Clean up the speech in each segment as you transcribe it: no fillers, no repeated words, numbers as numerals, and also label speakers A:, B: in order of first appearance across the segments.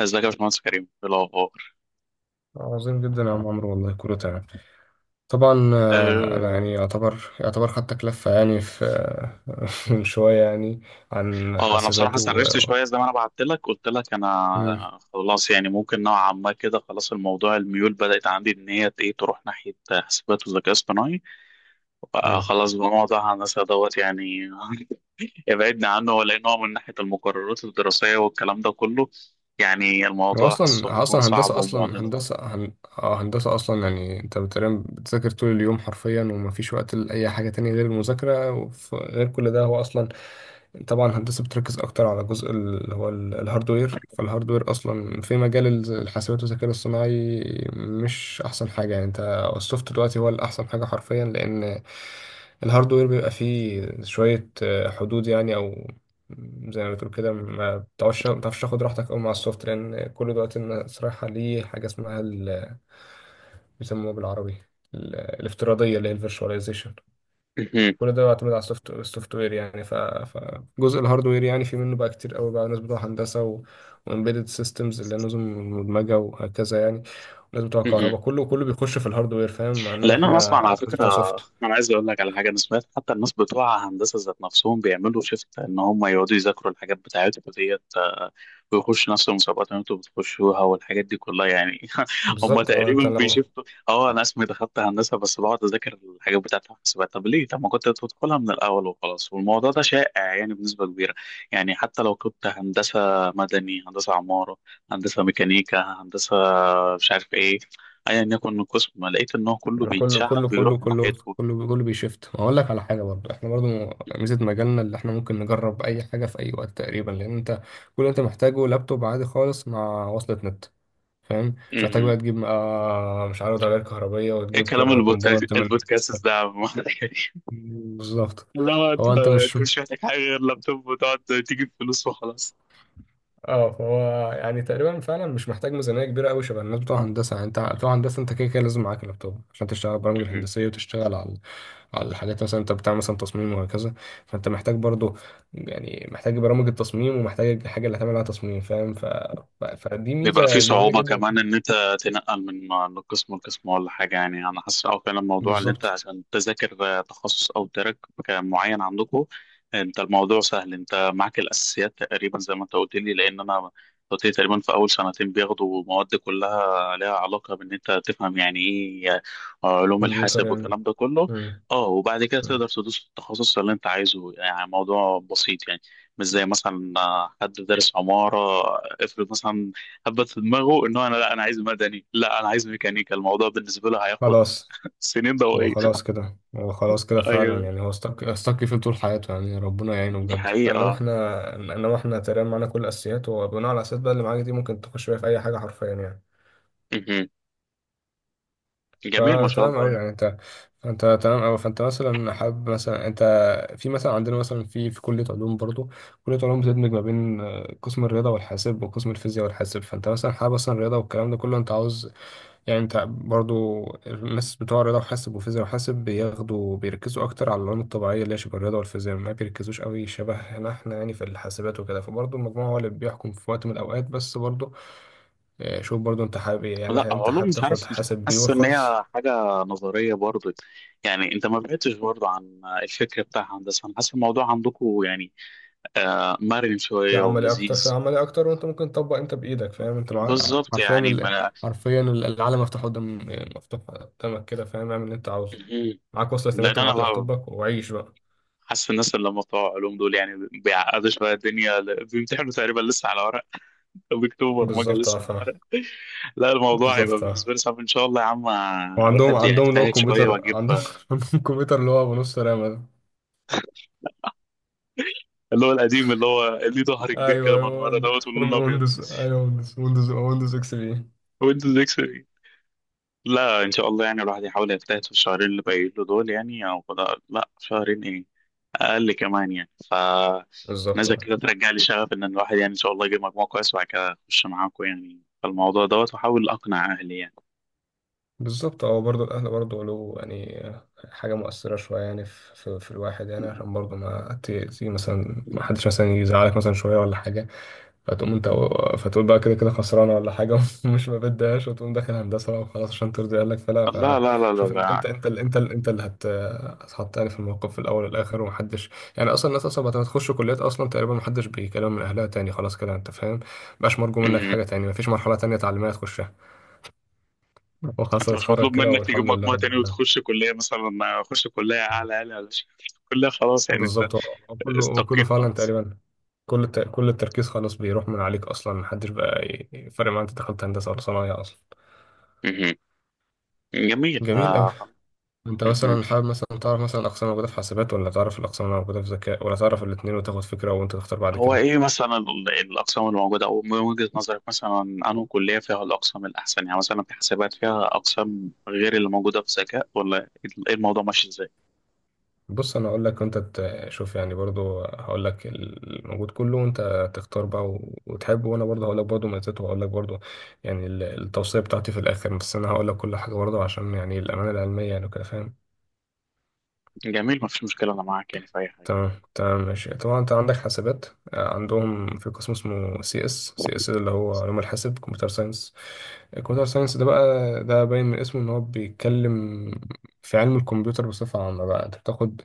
A: ازيك يا باشمهندس كريم، ايه الاخبار؟
B: عظيم جدا يا عم عمرو، والله كله تمام. طبعا، انا
A: اه.
B: يعني يعتبر خدتك لفه يعني في من شويه يعني عن
A: انا بصراحه
B: حاسبات و
A: استنرفت شويه، زي ما انا بعت لك قلت لك
B: مم،
A: انا خلاص، يعني ممكن نوعا ما كده خلاص. الموضوع الميول بدات عندي ان هي ايه تروح ناحيه حاسبات وذكاء اصطناعي.
B: مم.
A: خلاص بقى موضوع الناس دوت يعني ابعدنا عنه. ولا هو من ناحيه المقررات الدراسيه والكلام ده كله، يعني
B: هو
A: الموضوع حاسه
B: اصلا
A: هيكون
B: اصلا
A: صعب
B: هندسه
A: ومعضله.
B: هندسه اصلا يعني انت بتقريبا بتذاكر طول اليوم حرفيا، ومفيش وقت لاي حاجه تانية غير المذاكره، وغير كل ده هو اصلا. طبعا الهندسة بتركز أكتر على جزء اللي هو الهاردوير. فالهاردوير أصلا في مجال الحاسبات والذكاء الاصطناعي مش أحسن حاجة. يعني أنت السوفت دلوقتي هو الأحسن حاجة حرفيا، لأن الهاردوير بيبقى فيه شوية حدود يعني، أو زي ما بتقول كده، ما بتعرفش تاخد راحتك أوي مع السوفت، لأن كل دلوقتي الناس رايحة ليه حاجة اسمها بيسموها بالعربي الافتراضية اللي هي الفيرشواليزيشن. كل ده بيعتمد على السوفت، السوفت وير يعني. فجزء الهاردوير يعني في منه بقى كتير قوي بقى، ناس بتوع هندسه و... وامبيدد سيستمز اللي هي نظم مدمجه وهكذا يعني، وناس بتوع كهرباء كله بيخش في الهاردوير، فاهم؟ انما
A: لان انا
B: احنا
A: اسمع على
B: ناس
A: فكره
B: بتوع سوفت.
A: انا عايز اقول لك على حاجه، انا سمعت حتى الناس بتوع هندسه ذات نفسهم بيعملوا شيفت ان هم يقعدوا يذاكروا الحاجات بتاعتهم ديت، ويخشوا نفس المسابقات اللي انتوا بتخشوها والحاجات دي كلها يعني. هم
B: بالظبط اه. انت
A: تقريبا
B: لو
A: بيشفتوا. اه انا اسمي دخلت هندسه، بس بقعد اذاكر الحاجات بتاعت الحسابات. طب ليه؟ طب ما كنت تدخلها من الاول وخلاص. والموضوع ده شائع يعني بنسبه كبيره، يعني حتى لو كنت هندسه مدني، هندسه عماره، هندسه ميكانيكا، هندسه مش عارف ايه، ايا يكن القسم لقيت ان هو كله
B: كله كله
A: بيتشعب
B: كله
A: بيروح
B: كله
A: ناحيتكم.
B: كله كله بيشفت. هقول لك على حاجه، برضه احنا برضه ميزه مجالنا اللي احنا ممكن نجرب اي حاجه في اي وقت تقريبا، لان انت كل اللي انت محتاجه لابتوب عادي خالص مع وصلة نت، فاهم؟ مش محتاج
A: م-م.
B: بقى تجيب مش عارف تغيير كهربية،
A: ايه
B: وتجيب
A: كلام البودكاست
B: كومبوننت من.
A: البودكاست ده يا عم؟
B: بالظبط.
A: لا، انت
B: هو انت مش،
A: انت مش محتاج حاجه غير لابتوب، وتقعد تجيب فلوس وخلاص.
B: اه هو يعني تقريبا فعلا مش محتاج ميزانية كبيرة قوي شبه الناس بتوع هندسة. يعني انت بتوع هندسة، انت كده كده لازم معاك لابتوب عشان تشتغل البرامج الهندسية، وتشتغل على على الحاجات مثلا. انت بتعمل مثلا تصميم وهكذا، فانت محتاج برضو، يعني محتاج برامج التصميم، ومحتاج الحاجة اللي هتعمل عليها تصميم، فاهم؟ فدي
A: بيبقى في
B: ميزة جميلة
A: صعوبة
B: جدا.
A: كمان إن أنت تنقل من قسم لقسم ولا حاجة. يعني أنا حاسس أه فعلا الموضوع اللي أنت
B: بالظبط.
A: عشان تذاكر، تخصص أو تراك معين عندكم، أنت الموضوع سهل. أنت معاك الأساسيات تقريبا زي ما أنت قلت لي، لأن أنا قلت لي تقريبا في أول سنتين بياخدوا مواد كلها لها علاقة بإن أنت تفهم يعني إيه، علوم
B: كمبيوتر
A: الحاسب
B: يعني.
A: والكلام ده كله.
B: مم.
A: أه، وبعد كده
B: مم.
A: تقدر تدوس في التخصص اللي أنت عايزه، يعني موضوع بسيط يعني. مش زي مثلا، حد دارس عمارة، افرض مثلا حبت في دماغه ان هو انا لا انا عايز مدني، لا انا عايز ميكانيكا، الموضوع بالنسبه له هياخد
B: خلاص.
A: سنين
B: هو
A: ضوئيه.
B: خلاص كده، هو خلاص كده فعلا
A: ايوه،
B: يعني، هو استك فيه طول حياته يعني ربنا يعينه
A: دي
B: بجد. فانما
A: حقيقه.
B: احنا، انما احنا تقريبا معانا كل الاساسيات، وبناء على الاساسيات بقى اللي معاك دي ممكن تخش بيها في اي حاجه حرفيا يعني.
A: مهم. جميل ما شاء
B: فتمام
A: الله
B: قوي يعني
A: يعني.
B: انت، انت تمام قوي. فانت مثلا حابب مثلا انت، في مثلا عندنا مثلا في كليه علوم برضو. كليه علوم بتدمج ما بين قسم الرياضه والحاسب وقسم الفيزياء والحاسب. فانت مثلا حابب مثلا الرياضه والكلام ده كله، انت عاوز يعني. انت برضو الناس بتوع رياضة وحاسب وفيزياء وحاسب بياخدوا بيركزوا اكتر على العلوم الطبيعية اللي هي شبه الرياضة والفيزياء، ما بيركزوش قوي شبه احنا، احنا يعني في الحاسبات وكده، فبرضو المجموع هو اللي بيحكم في وقت من الاوقات، بس برضو اه. شوف برضو انت حابب ايه. يعني
A: لا،
B: هل انت
A: علوم
B: حابب
A: مش
B: تاخد
A: عارف، مش
B: حاسب بيور
A: حاسس ان
B: خالص
A: هي حاجه نظريه برضه. يعني انت ما بعدتش برضه عن الفكر بتاع هندسه، انا حاسس الموضوع عندكم يعني مرن
B: في
A: شويه
B: عملي اكتر، في
A: ولذيذ.
B: عملي اكتر، وانت ممكن تطبق انت بايدك فاهم. انت مع...
A: بالظبط
B: حرفيا
A: يعني
B: ال...
A: ما.
B: حرفيا العالم مفتوح قدام، مفتوح قدامك كده فاهم. اعمل اللي انت عاوزه،
A: مهم.
B: معاك وصلة
A: لان
B: النت
A: انا
B: ومعاك
A: بقى
B: لابتوبك وعيش بقى.
A: حاسس الناس اللي هم بتوع علوم دول يعني بيعقدوا شويه الدنيا، بيمتحنوا تقريبا لسه على ورق. اكتوبر ما جه
B: بالظبط اه
A: لسه.
B: فاهم.
A: لا، الموضوع هيبقى
B: بالظبط اه.
A: بالنسبه لي صعب ان شاء الله يا عم.
B: وعندهم
A: الواحد
B: عندهم اللي هو
A: يجتهد شويه
B: الكمبيوتر
A: واجيب
B: عندهم عندهم كمبيوتر اللي هو بنص رامة ده.
A: اللي هو القديم، اللي هو ليه ظهر كبير
B: ايوه
A: كده من
B: ايوه
A: ورا دوت ولونه ابيض.
B: ويندوز، ايوه ويندوز، ويندوز اكس بي.
A: ويندوز اكس بي. لا، ان شاء الله يعني الواحد يحاول يجتهد في الشهرين اللي باقيين له دول يعني، او لا لا، شهرين ايه، اقل كمان يعني. ف
B: بالظبط
A: نزل
B: اه.
A: كده ترجع لي شغف ان الواحد يعني ان شاء الله يجيب مجموع كويس، وبعد كده اخش معاكم يعني في الموضوع دوت، واحاول اقنع اهلي يعني.
B: بالظبط اه، برضه الاهل برضه له يعني حاجه مؤثره شويه يعني في الواحد يعني، عشان برضه ما تيجي مثلا ما حدش مثلا يزعلك مثلا شويه ولا حاجه، فتقوم انت فتقول بقى كده كده خسرانه ولا حاجه ومش ما بدهاش، وتقوم داخل هندسه بقى وخلاص عشان ترضي اهلك فلا.
A: لا لا لا
B: فشوف انت،
A: لا.
B: انت اللي انت اللي انت اللي هتحط يعني في الموقف في الاول والاخر، ومحدش يعني اصلا. الناس اصلا بعد ما تخش كليات اصلا تقريبا محدش بيكلم من اهلها تاني، خلاص كده انت فاهم. مبقاش مرجو منك
A: لا،
B: حاجه تاني، مفيش مرحله تانيه تعليميه تخشها وخلاص.
A: انت مش
B: هتتخرج
A: مطلوب
B: كده
A: منك تجيب
B: والحمد لله
A: مجموع
B: رب
A: تاني
B: العالمين.
A: وتخش كلية مثلا، اخش كلية اعلى اعلى اعلى كلية خلاص يعني. انت
B: بالظبط وكله، وكله
A: استقيت
B: فعلا
A: خلاص.
B: تقريبا كل التركيز خلاص بيروح من عليك اصلا، محدش بقى فارق معاه انت دخلت هندسه ولا صنايع اصلا.
A: مهم. جميل
B: جميل قوي.
A: آه،
B: انت
A: مهم.
B: مثلا حابب مثلا تعرف مثلا اقسام موجوده في حاسبات، ولا تعرف الاقسام اللي موجوده في ذكاء، ولا تعرف الاثنين وتاخد فكره وانت تختار بعد
A: هو
B: كده.
A: ايه مثلا الاقسام اللي موجودة، او من وجهة نظرك مثلا انه كلية فيها الاقسام الاحسن، يعني مثلا في حسابات فيها اقسام غير اللي موجودة في ذكاء؟ ولا ايه الموضوع ماشي ازاي؟
B: بص انا اقول لك وانت تشوف يعني، برضو هقول لك الموجود كله وانت تختار بقى و- وتحب، وانا برضو هقول لك برضو ميزاته، وهقول لك برضو يعني التوصيه بتاعتي في الاخر. بس انا هقول لك كل حاجه برضو عشان يعني الامانه العلميه يعني وكده فاهم.
A: جميل، مفيش مشكلة، انا معاك يعني في اي حاجة.
B: تمام تمام ماشي. طبعا انت عندك حاسبات، عندهم في قسم اسمه سي اس اللي هو علوم الحاسب كمبيوتر ساينس. الكمبيوتر ساينس ده بقى ده باين من اسمه ان هو بيتكلم في علم الكمبيوتر بصفة عامة. بقى انت بتاخد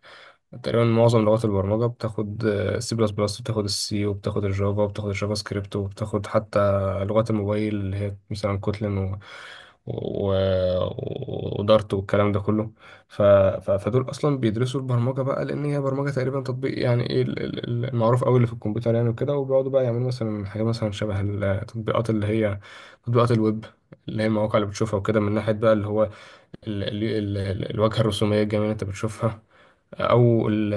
B: تقريبا معظم لغات البرمجة، بتاخد سي بلس بلس وبتاخد السي وبتاخد الجافا وبتاخد الجافا سكريبت، وبتاخد حتى لغات الموبايل اللي هي مثلا كوتلين و... و... ودارت والكلام ده كله. فدول أصلا بيدرسوا البرمجة بقى، لأن هي برمجة تقريبا تطبيق. يعني إيه المعروف أوي اللي في الكمبيوتر يعني وكده. وبيقعدوا بقى يعملوا مثلا حاجة مثلا شبه التطبيقات اللي هي تطبيقات الويب اللي هي المواقع اللي بتشوفها وكده، من ناحية بقى اللي هو ال... ال... الواجهة الرسومية الجميلة اللي أنت بتشوفها، او ال-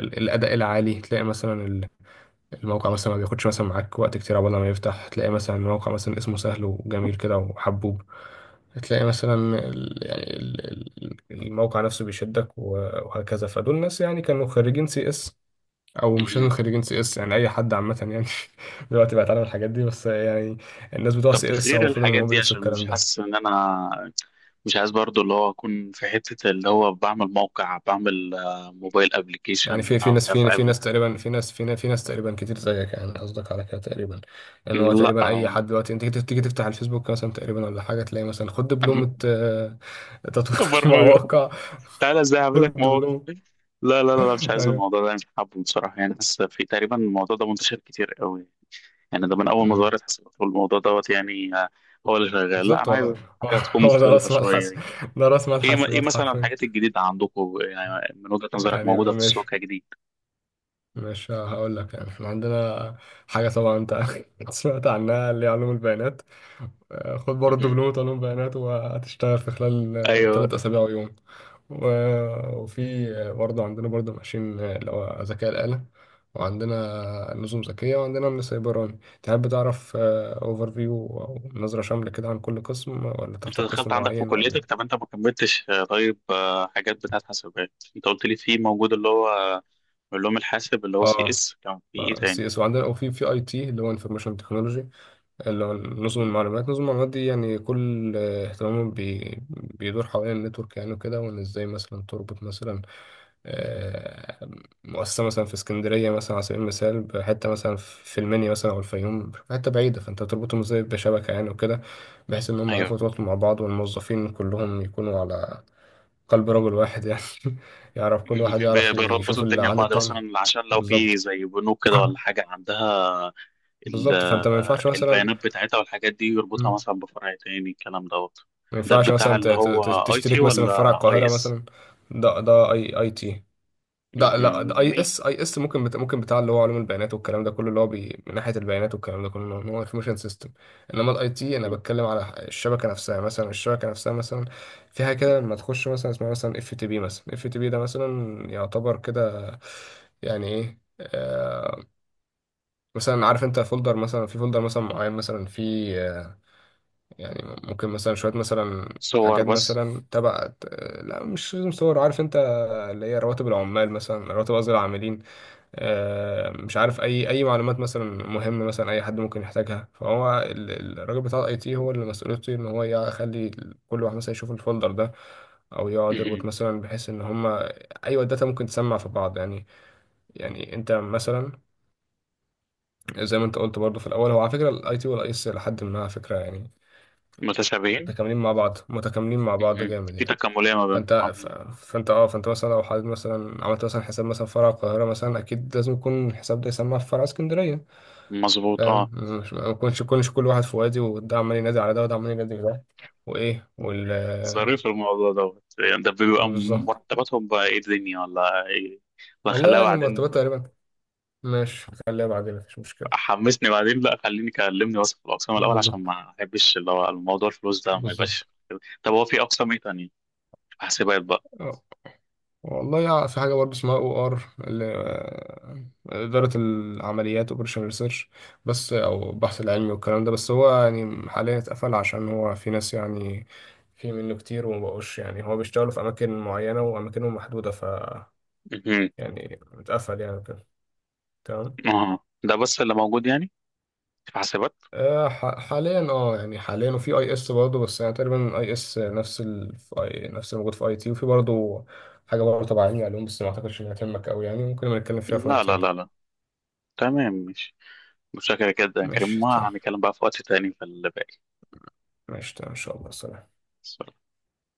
B: ال- الاداء العالي. تلاقي مثلا الموقع مثلا ما بياخدش مثلا معاك وقت كتير عقبال ما يفتح، تلاقي مثلا الموقع مثلا اسمه سهل وجميل كده وحبوب، تلاقي مثلا يعني ال- الموقع نفسه بيشدك و- وهكذا. فدول ناس يعني كانوا خريجين سي اس، او مش لازم
A: مهم.
B: خريجين سي اس يعني اي حد عامه يعني دلوقتي بقى يتعلم الحاجات دي بس يعني. الناس بتوع
A: طب
B: سي اس هو
A: غير
B: المفروض ان
A: الحاجات
B: هم
A: دي،
B: بيدرسوا
A: عشان مش
B: الكلام ده.
A: حاسس ان انا مش عايز برضو اللي هو اكون في حتة اللي هو بعمل موقع، بعمل، موبايل ابلكيشن،
B: يعني في في
A: مش
B: ناس
A: عارف
B: في في
A: أعمل-.
B: ناس تقريبا في ناس تقريبا كتير زيك يعني، قصدك على كده تقريبا. لان هو
A: لا
B: تقريبا اي
A: آه،
B: حد دلوقتي انت تيجي تفتح الفيسبوك مثلا تقريبا ولا حاجه تلاقي مثلا خد دبلومه تطوير
A: برمجة.
B: مواقع.
A: تعالى ازاي اعمل لك
B: خد
A: موقع.
B: دبلومه
A: لا لا لا، مش عايز
B: ايوه.
A: الموضوع ده، مش حابه بصراحة يعني. بس في تقريبا الموضوع ده منتشر كتير قوي. يعني ده من اول ما
B: أمم.
A: ظهرت حسابات والموضوع دوت يعني، هو اللي شغال. لا
B: بالظبط.
A: انا
B: هو،
A: عايز
B: هو
A: حاجة تكون
B: هو ده
A: مختلفة
B: راس مال
A: شوية
B: حسن،
A: يعني.
B: ده راس مال
A: ايه
B: حسابات
A: مثلا
B: حرفيا.
A: الحاجات الجديدة عندكم يعني من وجهة نظرك
B: يعني
A: موجودة في
B: مش
A: السوق كجديد؟
B: مش هقول لك، يعني احنا عندنا حاجه طبعا انت سمعت عنها اللي هي علوم البيانات. خد برضه دبلومة علوم بيانات وهتشتغل في خلال
A: ايوه.
B: 3 أسابيع ويوم، و- وفي برضه عندنا برضه ماشين اللي هو ذكاء الآلة، وعندنا نظم ذكية، وعندنا من سيبراني. تحب تعرف اوفر فيو أو نظرة شاملة كده عن كل قسم، ولا
A: انت
B: تختار قسم
A: دخلت عندك في
B: معين ولا؟
A: كليتك، طب انت ما كملتش، طيب، حاجات بتاعت حاسبات، انت قلت لي في موجود اللي هو علوم الحاسب اللي هو سي
B: اه
A: اس، كان في ايه تاني؟
B: سي اس، وعندنا وفي في اي تي اللي هو انفورميشن تكنولوجي اللي هو نظم
A: مهم.
B: المعلومات. نظم المعلومات دي يعني كل اهتمامه بي بيدور حوالين النتورك يعني وكده، وان ازاي مثلا تربط مثلا آه، مؤسسة مثلا في اسكندرية مثلا على سبيل المثال بحتة، مثلا في المنيا مثلا أو الفيوم حتة بعيدة، فأنت بتربطهم ازاي بشبكة يعني وكده، بحيث إن هم يعرفوا
A: ايوه.
B: يتواصلوا مع بعض، والموظفين كلهم يكونوا على قلب رجل واحد يعني يعرف كل واحد يعرف
A: بيربطوا
B: يشوف اللي
A: الدنيا
B: عند
A: ببعض
B: التاني.
A: مثلا، عشان لو في
B: بالظبط.
A: زي بنوك كده ولا حاجه عندها ال-
B: بالظبط فأنت ما ينفعش مثلا،
A: البيانات بتاعتها والحاجات دي يربطها مثلا بفرع تاني الكلام دوت.
B: ما
A: ده
B: ينفعش
A: بتاع
B: مثلا
A: اللي هو اي تي
B: تشترك مثلا في فرع
A: ولا اي
B: القاهرة
A: اس؟
B: مثلا. ده ده اي اي تي. ده لا،
A: مهم.
B: ده اي
A: جميل.
B: اس. اي اس ممكن ممكن بتاع اللي هو علوم البيانات والكلام ده كله، اللي هو من ناحية البيانات والكلام ده كله ان هو انفورميشن سيستم. انما الاي تي انا
A: مهم.
B: بتكلم على الشبكة نفسها مثلا، الشبكة نفسها مثلا فيها كده لما تخش مثلا اسمها مثلا اف تي بي مثلا. اف تي بي ده مثلا يعتبر كده يعني ايه آه، مثلا عارف انت فولدر مثلا، في فولدر مثلا معين مثلا في آه، يعني ممكن مثلا شوية مثلا
A: صور
B: حاجات
A: بس.
B: مثلا تبع، لا مش لازم صور عارف انت، اللي هي رواتب العمال مثلا رواتب قصدي العاملين، مش عارف اي اي معلومات مثلا مهمة مثلا اي حد ممكن يحتاجها. فهو الراجل بتاع الاي تي هو اللي مسؤوليته ان هو يخلي كل واحد مثلا يشوف الفولدر ده، او يقعد
A: مهم.
B: يربط مثلا بحيث ان هما ايوه الداتا ممكن تسمع في بعض يعني. يعني انت مثلا زي ما انت قلت برضو في الاول، هو على فكره الاي تي والاي اس لحد ما على فكره يعني
A: متشابهين.
B: متكاملين مع بعض، متكاملين مع بعض
A: مهم.
B: جامد
A: في
B: يعني.
A: تكاملية ما بينهم
B: فانت
A: آه،
B: فانت اه فانت مثلا لو حابب مثلا عملت مثلا حساب مثلا فرع القاهره مثلا، اكيد لازم يكون الحساب ده يسمى في فرع اسكندريه
A: مظبوط اه.
B: فاهم. مش ما يكونش كلش كل واحد في وادي، وده عمال ينادي على ده، وده عمال ينادي على ده، وايه وال.
A: ظريف الموضوع دوت يعني، ده بيبقى
B: بالظبط.
A: مرتباتهم بقى ايه الدنيا ولا ايه؟ ولا
B: والله
A: خليها
B: يعني
A: بعدين.
B: المرتبات تقريبا. ماشي خليها بعدين مفيش مشكله.
A: حمسني بعدين، لا خليني كلمني بس في الأقسام الأول، عشان
B: بالظبط
A: ما أحبش اللي هو الموضوع الفلوس ده ما
B: بالظبط
A: يبقاش. طب هو في أقسام ايه تانية؟ في حاسبات بقى.
B: والله في حاجة برضه اسمها او ار، إدارة العمليات اوبريشن ريسيرش، بس او البحث العلمي والكلام ده. بس هو يعني حاليا اتقفل عشان هو في ناس يعني في منه كتير ومبقوش، يعني هو بيشتغلوا في أماكن معينة وأماكنهم محدودة، ف
A: مهم.
B: يعني اتقفل يعني كده. تمام.
A: اه، ده بس اللي موجود يعني في حاسبات؟
B: حاليا اه يعني حاليا، وفي اي اس برضه بس يعني تقريبا اي اس نفس نفس اللي موجود في اي تي. وفي برضه حاجة برضه تبع علمي علوم بس ما اعتقدش انها تهمك قوي يعني، ممكن نبقى نتكلم فيها في
A: لا
B: وقت
A: لا لا
B: تاني.
A: لا. تمام ماشي. متشكر جدا يا كريم،
B: ماشي.
A: ما هنتكلم بقى في وقت تاني في الباقي.
B: ماشي تمام، ان شاء الله. سلام.